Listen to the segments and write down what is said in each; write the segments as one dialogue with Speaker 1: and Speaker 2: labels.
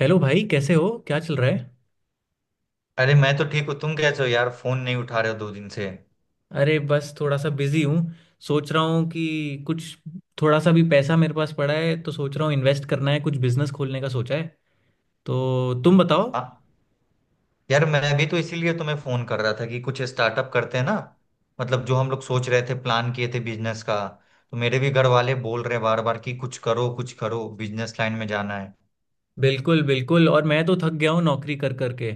Speaker 1: Hello भाई, कैसे हो? क्या चल रहा है।
Speaker 2: अरे मैं तो ठीक हूँ। तुम कैसे हो यार? फोन नहीं उठा रहे हो 2 दिन से।
Speaker 1: अरे बस थोड़ा सा बिजी हूँ। सोच रहा हूँ कि कुछ थोड़ा सा भी पैसा मेरे पास पड़ा है तो सोच रहा हूँ इन्वेस्ट करना है, कुछ बिजनेस खोलने का सोचा है। तो तुम बताओ।
Speaker 2: हाँ यार, मैं भी तो इसीलिए तुम्हें फोन कर रहा था कि कुछ स्टार्टअप करते हैं ना। मतलब जो हम लोग सोच रहे थे, प्लान किए थे बिजनेस का। तो मेरे भी घर वाले बोल रहे बार बार कि कुछ करो कुछ करो, बिजनेस लाइन में जाना है।
Speaker 1: बिल्कुल बिल्कुल, और मैं तो थक गया हूँ नौकरी कर करके।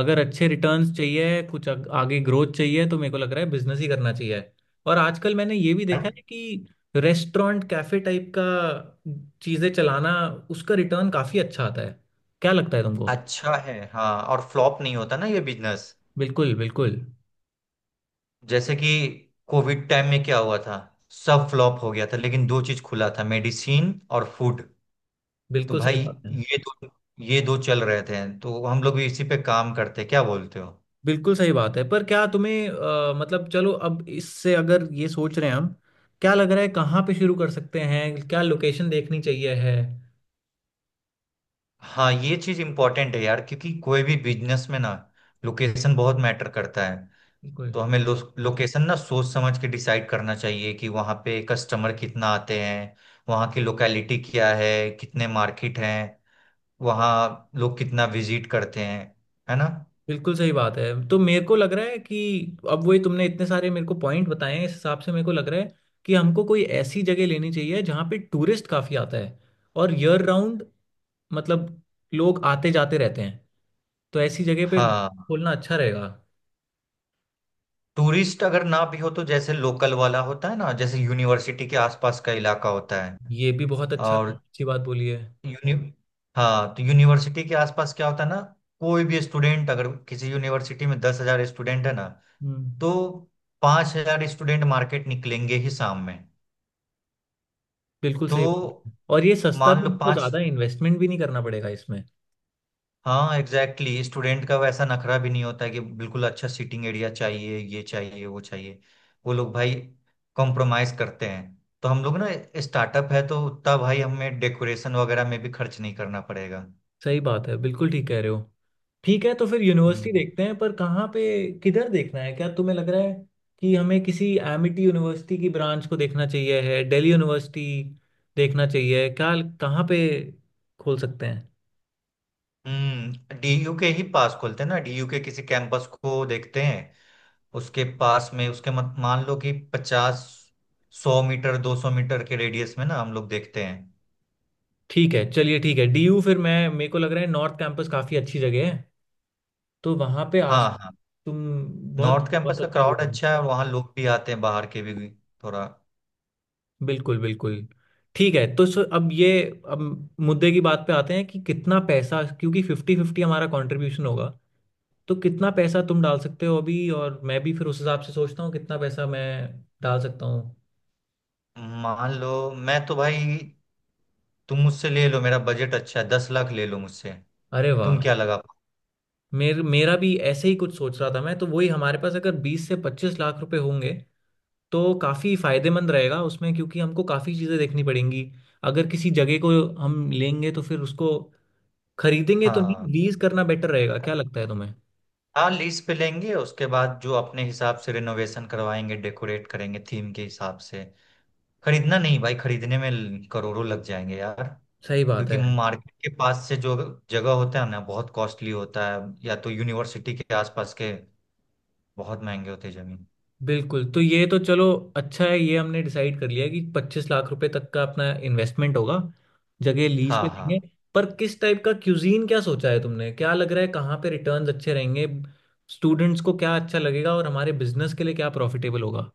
Speaker 1: अगर अच्छे रिटर्न्स चाहिए, कुछ आगे ग्रोथ चाहिए तो मेरे को लग रहा है बिजनेस ही करना चाहिए। और आजकल मैंने ये भी देखा
Speaker 2: भाई,
Speaker 1: है कि रेस्टोरेंट कैफे टाइप का चीज़ें चलाना, उसका रिटर्न काफ़ी अच्छा आता है। क्या लगता है तुमको।
Speaker 2: अच्छा है हाँ, और फ्लॉप नहीं होता ना ये बिजनेस।
Speaker 1: बिल्कुल बिल्कुल।
Speaker 2: जैसे कि कोविड टाइम में क्या हुआ था, सब फ्लॉप हो गया था, लेकिन 2 चीज खुला था, मेडिसिन और फूड। तो
Speaker 1: बिल्कुल सही
Speaker 2: भाई
Speaker 1: बात है।
Speaker 2: ये दो ये दो चल रहे थे, तो हम लोग भी इसी पे काम करते। क्या बोलते हो?
Speaker 1: बिल्कुल सही बात है, पर क्या तुम्हें मतलब चलो अब इससे अगर ये सोच रहे हैं हम, क्या लग रहा है कहाँ पे शुरू कर सकते हैं, क्या लोकेशन देखनी चाहिए है।
Speaker 2: हाँ, ये चीज इम्पोर्टेंट है यार, क्योंकि कोई भी बिजनेस में ना लोकेशन बहुत मैटर करता है।
Speaker 1: बिल्कुल।
Speaker 2: तो हमें लोकेशन ना सोच समझ के डिसाइड करना चाहिए कि वहाँ पे कस्टमर कितना आते हैं, वहाँ की लोकेलिटी क्या है, कितने मार्केट हैं, वहाँ लोग कितना विजिट करते हैं। है ना।
Speaker 1: बिल्कुल सही बात है तो मेरे को लग रहा है कि अब वही तुमने इतने सारे मेरे को पॉइंट बताए हैं, इस हिसाब से मेरे को लग रहा है कि हमको कोई ऐसी जगह लेनी चाहिए जहाँ पे टूरिस्ट काफ़ी आता है और ईयर राउंड, मतलब लोग आते जाते रहते हैं। तो ऐसी जगह पे
Speaker 2: हाँ,
Speaker 1: खोलना अच्छा रहेगा।
Speaker 2: टूरिस्ट अगर ना भी हो तो जैसे लोकल वाला होता है ना, जैसे यूनिवर्सिटी के आसपास का इलाका होता है।
Speaker 1: ये भी बहुत अच्छा,
Speaker 2: और
Speaker 1: अच्छी बात बोली है।
Speaker 2: यूनि हाँ, तो यूनिवर्सिटी के आसपास क्या होता है ना, कोई भी स्टूडेंट, अगर किसी यूनिवर्सिटी में 10,000 स्टूडेंट है ना,
Speaker 1: हम्म।
Speaker 2: तो 5,000 स्टूडेंट मार्केट निकलेंगे ही शाम में।
Speaker 1: बिल्कुल सही बात
Speaker 2: तो
Speaker 1: है, और ये सस्ता
Speaker 2: मान
Speaker 1: भी,
Speaker 2: लो
Speaker 1: हमको
Speaker 2: पांच।
Speaker 1: ज़्यादा इन्वेस्टमेंट भी नहीं करना पड़ेगा इसमें।
Speaker 2: हाँ एग्जैक्टली, स्टूडेंट का वैसा नखरा भी नहीं होता है कि बिल्कुल अच्छा सीटिंग एरिया चाहिए, ये चाहिए वो चाहिए। वो लोग भाई कॉम्प्रोमाइज करते हैं। तो हम लोग ना, स्टार्टअप है, तो उतना भाई हमें डेकोरेशन वगैरह में भी खर्च नहीं करना पड़ेगा।
Speaker 1: सही बात है, बिल्कुल ठीक कह रहे हो। ठीक है तो फिर यूनिवर्सिटी
Speaker 2: हम्म।
Speaker 1: देखते हैं, पर कहाँ पे, किधर देखना है। क्या तुम्हें लग रहा है कि हमें किसी एमिटी यूनिवर्सिटी की ब्रांच को देखना चाहिए है, दिल्ली यूनिवर्सिटी देखना चाहिए क्या, कहाँ पे खोल सकते हैं।
Speaker 2: हम्म, डीयू के ही पास खोलते हैं ना, डीयू के किसी कैंपस को देखते हैं। उसके पास में, उसके मत मान लो कि 50, 100 मीटर, 200 मीटर के रेडियस में ना हम लोग देखते हैं।
Speaker 1: ठीक है, चलिए ठीक है, डीयू फिर, मैं मेरे को लग रहा है नॉर्थ कैंपस काफ़ी अच्छी जगह है। तो वहाँ पे आस।
Speaker 2: हाँ हाँ,
Speaker 1: तुम बहुत
Speaker 2: नॉर्थ कैंपस
Speaker 1: बहुत
Speaker 2: का
Speaker 1: अच्छा
Speaker 2: क्राउड
Speaker 1: बोल।
Speaker 2: अच्छा है, और वहाँ लोग भी आते हैं बाहर के भी, थोड़ा।
Speaker 1: बिल्कुल बिल्कुल। ठीक है, तो सो अब मुद्दे की बात पे आते हैं कि कितना पैसा, क्योंकि 50-50 हमारा कंट्रीब्यूशन होगा। तो कितना पैसा तुम डाल सकते हो अभी, और मैं भी फिर उस हिसाब से सोचता हूँ कितना पैसा मैं डाल सकता हूँ।
Speaker 2: मान लो, मैं तो भाई, तुम मुझसे ले लो, मेरा बजट अच्छा है, 10 लाख ले लो मुझसे।
Speaker 1: अरे
Speaker 2: तुम
Speaker 1: वाह,
Speaker 2: क्या लगा पाओ?
Speaker 1: मेरा भी ऐसे ही कुछ सोच रहा था मैं तो। वही हमारे पास अगर 20 से 25 लाख रुपए होंगे तो काफ़ी फायदेमंद रहेगा उसमें, क्योंकि हमको काफ़ी चीज़ें देखनी पड़ेंगी। अगर किसी जगह को हम लेंगे तो फिर उसको खरीदेंगे तो नहीं,
Speaker 2: हाँ
Speaker 1: लीज करना बेटर रहेगा। क्या लगता है तुम्हें।
Speaker 2: हाँ, लीज पे लेंगे, उसके बाद जो अपने हिसाब से रिनोवेशन करवाएंगे, डेकोरेट करेंगे थीम के हिसाब से। खरीदना नहीं भाई, खरीदने में करोड़ों लग जाएंगे यार।
Speaker 1: सही बात
Speaker 2: क्योंकि
Speaker 1: है
Speaker 2: मार्केट के पास से जो जगह होता है ना, बहुत कॉस्टली होता है। या तो यूनिवर्सिटी के आसपास के बहुत महंगे होते हैं जमीन।
Speaker 1: बिल्कुल। तो ये तो चलो अच्छा है, ये हमने डिसाइड कर लिया कि 25 लाख रुपए तक का अपना इन्वेस्टमेंट होगा, जगह लीज
Speaker 2: हाँ
Speaker 1: पे देंगे।
Speaker 2: हाँ।
Speaker 1: पर किस टाइप का क्यूजीन क्या सोचा है तुमने, क्या लग रहा है कहाँ पे रिटर्न्स अच्छे रहेंगे, स्टूडेंट्स को क्या अच्छा लगेगा और हमारे बिजनेस के लिए क्या प्रॉफिटेबल होगा।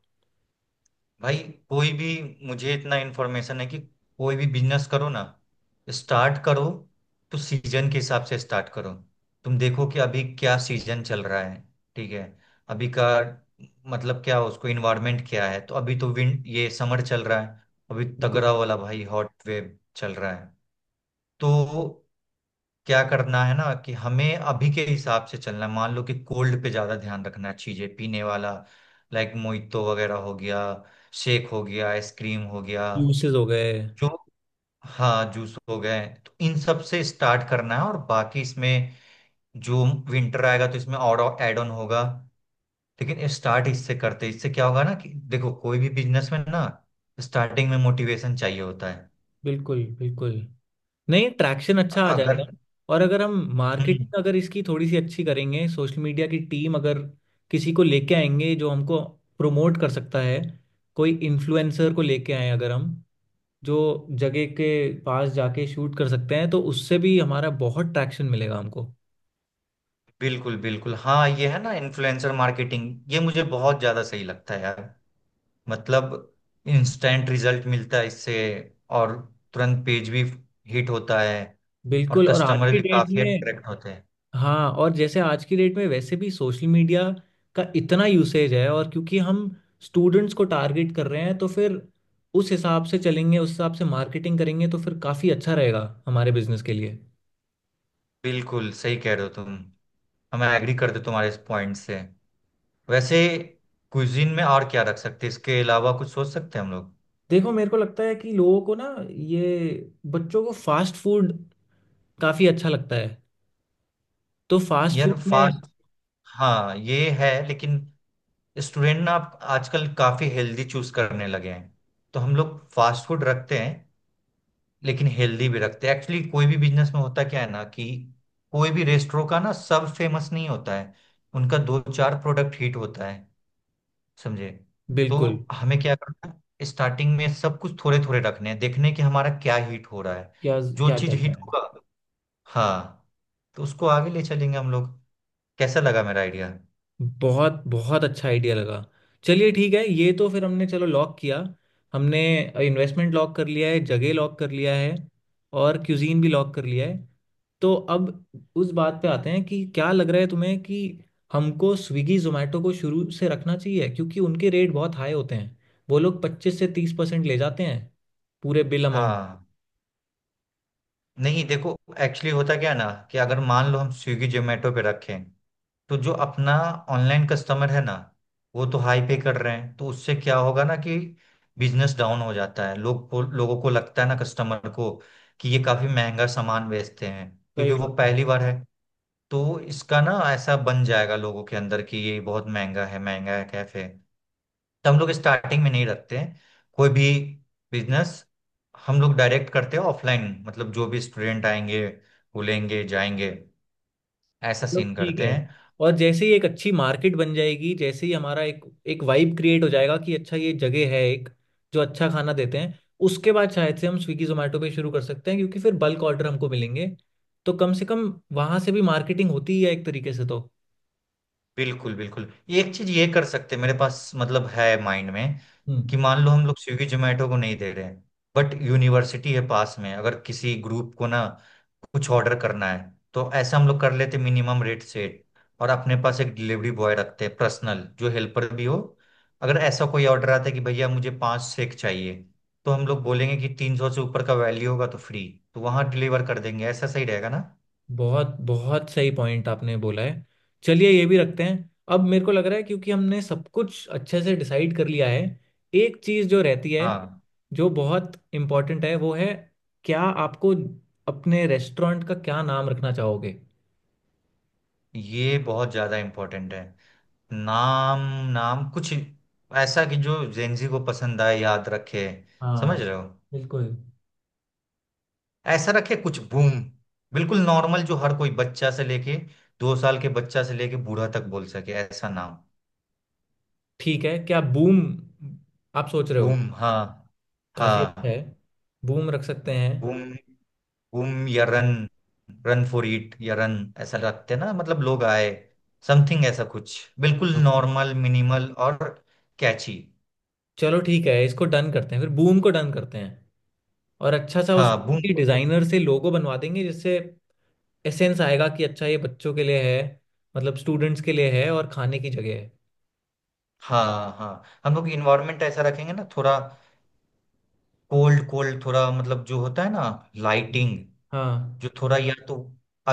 Speaker 2: भाई कोई भी, मुझे इतना इन्फॉर्मेशन है कि कोई भी बिजनेस करो ना, स्टार्ट करो तो सीजन के हिसाब से स्टार्ट करो। तुम देखो कि अभी क्या सीजन चल रहा है, ठीक है? अभी का मतलब क्या, उसको इन्वायरमेंट क्या है। तो अभी तो विंड ये समर चल रहा है, अभी
Speaker 1: बिल्कुल।
Speaker 2: तगड़ा वाला भाई, हॉट वेव चल रहा है। तो क्या करना है ना कि हमें अभी के हिसाब से चलना है। मान लो कि कोल्ड पे ज्यादा ध्यान रखना है, चीजें पीने वाला, लाइक मोइतो वगैरह हो गया, शेक हो गया, आइसक्रीम हो गया,
Speaker 1: यूसेस हो गए।
Speaker 2: जो, हाँ जूस हो गए। तो इन सब से स्टार्ट करना है, और बाकी इसमें जो विंटर आएगा तो इसमें और एड ऑन होगा। लेकिन स्टार्ट इससे करते, इससे क्या होगा ना कि देखो, कोई भी बिजनेस में ना स्टार्टिंग में मोटिवेशन चाहिए होता है।
Speaker 1: बिल्कुल बिल्कुल, नहीं ट्रैक्शन अच्छा आ
Speaker 2: अगर।
Speaker 1: जाएगा। और अगर हम
Speaker 2: हम्म।
Speaker 1: मार्केटिंग अगर इसकी थोड़ी सी अच्छी करेंगे, सोशल मीडिया की टीम अगर किसी को लेके आएंगे जो हमको प्रमोट कर सकता है, कोई इन्फ्लुएंसर को लेके आए अगर हम, जो जगह के पास जाके शूट कर सकते हैं, तो उससे भी हमारा बहुत ट्रैक्शन मिलेगा हमको।
Speaker 2: बिल्कुल बिल्कुल हाँ, ये है ना इन्फ्लुएंसर मार्केटिंग, ये मुझे बहुत ज्यादा सही लगता है यार। मतलब इंस्टेंट रिजल्ट मिलता है इससे, और तुरंत पेज भी हिट होता है। और
Speaker 1: बिल्कुल, और आज
Speaker 2: कस्टमर
Speaker 1: की
Speaker 2: भी
Speaker 1: डेट
Speaker 2: काफी
Speaker 1: में।
Speaker 2: अट्रैक्ट होते हैं।
Speaker 1: हाँ, और जैसे आज की डेट में वैसे भी सोशल मीडिया का इतना यूसेज है, और क्योंकि हम स्टूडेंट्स को टारगेट कर रहे हैं तो फिर उस हिसाब से चलेंगे, उस हिसाब से मार्केटिंग करेंगे तो फिर काफ़ी अच्छा रहेगा हमारे बिजनेस के लिए।
Speaker 2: बिल्कुल सही कह रहे हो तुम। हम एग्री करते तुम्हारे इस पॉइंट से। वैसे कुजीन में और क्या रख सकते हैं? इसके अलावा कुछ सोच सकते हैं हम लोग?
Speaker 1: देखो मेरे को लगता है कि लोगों को ना, ये बच्चों को फास्ट फूड काफ़ी अच्छा लगता है। तो फास्ट
Speaker 2: यार
Speaker 1: फूड में।
Speaker 2: फास्ट, हाँ ये है, लेकिन स्टूडेंट ना आप आजकल काफी हेल्दी चूज करने लगे हैं। तो हम लोग फास्ट फूड रखते हैं, लेकिन हेल्दी भी रखते हैं। एक्चुअली कोई भी बिजनेस में होता क्या है ना कि कोई भी रेस्टोरेंट का ना, सब फेमस नहीं होता है। उनका दो चार प्रोडक्ट हिट होता है। समझे? तो
Speaker 1: बिल्कुल।
Speaker 2: हमें क्या करना है, स्टार्टिंग में सब कुछ थोड़े थोड़े रखने हैं, देखने कि हमारा क्या हिट हो रहा है।
Speaker 1: क्या
Speaker 2: जो
Speaker 1: क्या
Speaker 2: चीज
Speaker 1: चल रहा
Speaker 2: हिट
Speaker 1: है।
Speaker 2: होगा, हाँ, तो उसको आगे ले चलेंगे हम लोग। कैसा लगा मेरा आइडिया?
Speaker 1: बहुत बहुत अच्छा आइडिया लगा। चलिए ठीक है, ये तो फिर हमने चलो लॉक किया। हमने इन्वेस्टमेंट लॉक कर लिया है, जगह लॉक कर लिया है और क्यूजीन भी लॉक कर लिया है। तो अब उस बात पे आते हैं कि क्या लग रहा है तुम्हें कि हमको स्विगी जोमेटो को शुरू से रखना चाहिए, क्योंकि उनके रेट बहुत हाई होते हैं। वो लोग 25 से 30% ले जाते हैं पूरे बिल अमाउंट।
Speaker 2: हाँ, नहीं देखो, एक्चुअली होता क्या है ना कि अगर मान लो हम स्विगी जोमेटो पे रखें, तो जो अपना ऑनलाइन कस्टमर है ना, वो तो हाई पे कर रहे हैं। तो उससे क्या होगा ना कि बिजनेस डाउन हो जाता है। लोगों को लगता है ना, कस्टमर को कि ये काफी महंगा सामान बेचते हैं,
Speaker 1: सही
Speaker 2: क्योंकि वो
Speaker 1: बात है।
Speaker 2: पहली बार है। तो इसका ना ऐसा बन जाएगा लोगों के अंदर कि ये बहुत महंगा है, महंगा है कैफे। तो हम लोग स्टार्टिंग में नहीं रखते हैं कोई भी बिजनेस। हम लोग डायरेक्ट करते हैं ऑफलाइन, मतलब जो भी स्टूडेंट आएंगे वो लेंगे जाएंगे, ऐसा
Speaker 1: चलो
Speaker 2: सीन
Speaker 1: ठीक
Speaker 2: करते
Speaker 1: है,
Speaker 2: हैं।
Speaker 1: और जैसे ही एक अच्छी मार्केट बन जाएगी, जैसे ही हमारा एक एक वाइब क्रिएट हो जाएगा कि अच्छा ये जगह है एक, जो अच्छा खाना देते हैं, उसके बाद शायद से हम स्विगी जोमेटो पे शुरू कर सकते हैं, क्योंकि फिर बल्क ऑर्डर हमको मिलेंगे। तो कम से कम वहां से भी मार्केटिंग होती ही है एक तरीके से तो।
Speaker 2: बिल्कुल बिल्कुल, ये एक चीज ये कर सकते हैं, मेरे पास मतलब है माइंड में
Speaker 1: हम्म।
Speaker 2: कि मान लो हम लोग स्विगी जोमेटो को नहीं दे रहे हैं, बट यूनिवर्सिटी है पास में, अगर किसी ग्रुप को ना कुछ ऑर्डर करना है, तो ऐसा हम लोग कर लेते, मिनिमम रेट सेट। और अपने पास एक डिलीवरी बॉय रखते हैं पर्सनल, जो हेल्पर भी हो। अगर ऐसा कोई ऑर्डर आता है कि भैया मुझे 5 सेक चाहिए, तो हम लोग बोलेंगे कि 300 से ऊपर का वैल्यू होगा तो फ्री, तो वहां डिलीवर कर देंगे। ऐसा सही रहेगा ना?
Speaker 1: बहुत बहुत सही पॉइंट आपने बोला है। चलिए ये भी रखते हैं। अब मेरे को लग रहा है क्योंकि हमने सब कुछ अच्छे से डिसाइड कर लिया है, एक चीज़ जो रहती है,
Speaker 2: हाँ,
Speaker 1: जो बहुत इम्पोर्टेंट है वो है, क्या आपको, अपने रेस्टोरेंट का क्या नाम रखना चाहोगे।
Speaker 2: ये बहुत ज्यादा इम्पोर्टेंट है। नाम नाम कुछ ऐसा कि जो जेंजी को पसंद आए, याद रखे,
Speaker 1: हाँ।
Speaker 2: समझ रहे हो?
Speaker 1: बिल्कुल।
Speaker 2: ऐसा रखे कुछ, बूम। बिल्कुल नॉर्मल, जो हर कोई बच्चा से लेके, 2 साल के बच्चा से लेके बूढ़ा तक बोल सके, ऐसा नाम।
Speaker 1: ठीक है, क्या बूम आप सोच रहे हो।
Speaker 2: बूम। हाँ
Speaker 1: काफ़ी अच्छा है,
Speaker 2: हाँ।
Speaker 1: बूम रख सकते हैं।
Speaker 2: बूम, बूम या रन, रन फॉर इट या रन। ऐसा रखते ना, मतलब लोग आए, समथिंग ऐसा कुछ बिल्कुल
Speaker 1: हाँ।
Speaker 2: नॉर्मल, मिनिमल और कैची।
Speaker 1: चलो ठीक है, इसको डन करते हैं, फिर बूम को डन करते हैं। और अच्छा सा
Speaker 2: हाँ बूम।
Speaker 1: उसको डिजाइनर से लोगो बनवा देंगे जिससे एसेंस आएगा कि अच्छा ये बच्चों के लिए है, मतलब स्टूडेंट्स के लिए है और खाने की जगह है।
Speaker 2: हाँ हाँ, हम लोग इन्वायरमेंट ऐसा रखेंगे ना थोड़ा, कोल्ड कोल्ड थोड़ा, मतलब जो होता है ना लाइटिंग, जो
Speaker 1: हाँ।
Speaker 2: थोड़ा, या तो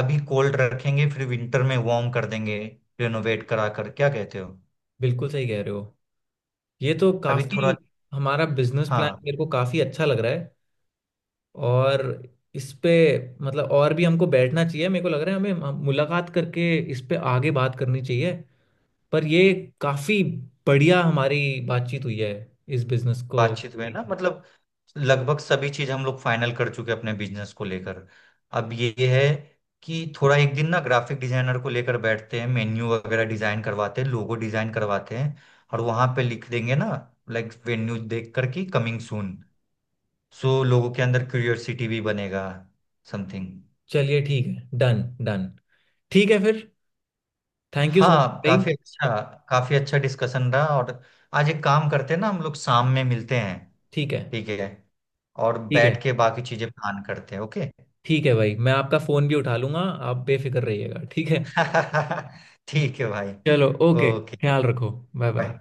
Speaker 2: अभी कोल्ड रखेंगे, फिर विंटर में वार्म कर देंगे, रिनोवेट करा कर। क्या कहते हो?
Speaker 1: बिल्कुल सही कह रहे हो। ये तो
Speaker 2: अभी
Speaker 1: काफी,
Speaker 2: थोड़ा,
Speaker 1: हमारा बिजनेस प्लान
Speaker 2: हाँ।
Speaker 1: मेरे को काफी अच्छा लग रहा है। और इस पे, मतलब और भी हमको बैठना चाहिए, मेरे को लग रहा है हमें मुलाकात करके इस पे आगे बात करनी चाहिए। पर ये काफी बढ़िया हमारी बातचीत हुई है इस बिजनेस को।
Speaker 2: बातचीत हुई है ना, मतलब लगभग सभी चीज हम लोग फाइनल कर चुके हैं अपने बिजनेस को लेकर। अब ये है कि थोड़ा एक दिन ना ग्राफिक डिजाइनर को लेकर बैठते हैं, मेन्यू वगैरह डिजाइन करवाते हैं, लोगो डिजाइन करवाते हैं। और वहां पे लिख देंगे ना, लाइक वेन्यू देख कर कि कमिंग सून। सो लोगों के अंदर क्यूरियोसिटी भी बनेगा, समथिंग।
Speaker 1: चलिए ठीक है, डन डन। ठीक है फिर, थैंक यू सो मच
Speaker 2: हाँ,
Speaker 1: भाई।
Speaker 2: काफी अच्छा, काफी अच्छा डिस्कशन रहा। और आज एक काम करते हैं ना, हम लोग शाम में मिलते हैं।
Speaker 1: ठीक है।
Speaker 2: ठीक है? और
Speaker 1: ठीक है।
Speaker 2: बैठ के बाकी चीजें प्लान करते हैं। ओके
Speaker 1: ठीक है भाई, मैं आपका फोन भी उठा लूंगा, आप बेफिक्र रहिएगा ठीक है।
Speaker 2: ठीक है भाई।
Speaker 1: चलो ओके।
Speaker 2: ओके।
Speaker 1: ख्याल रखो। Bye bye.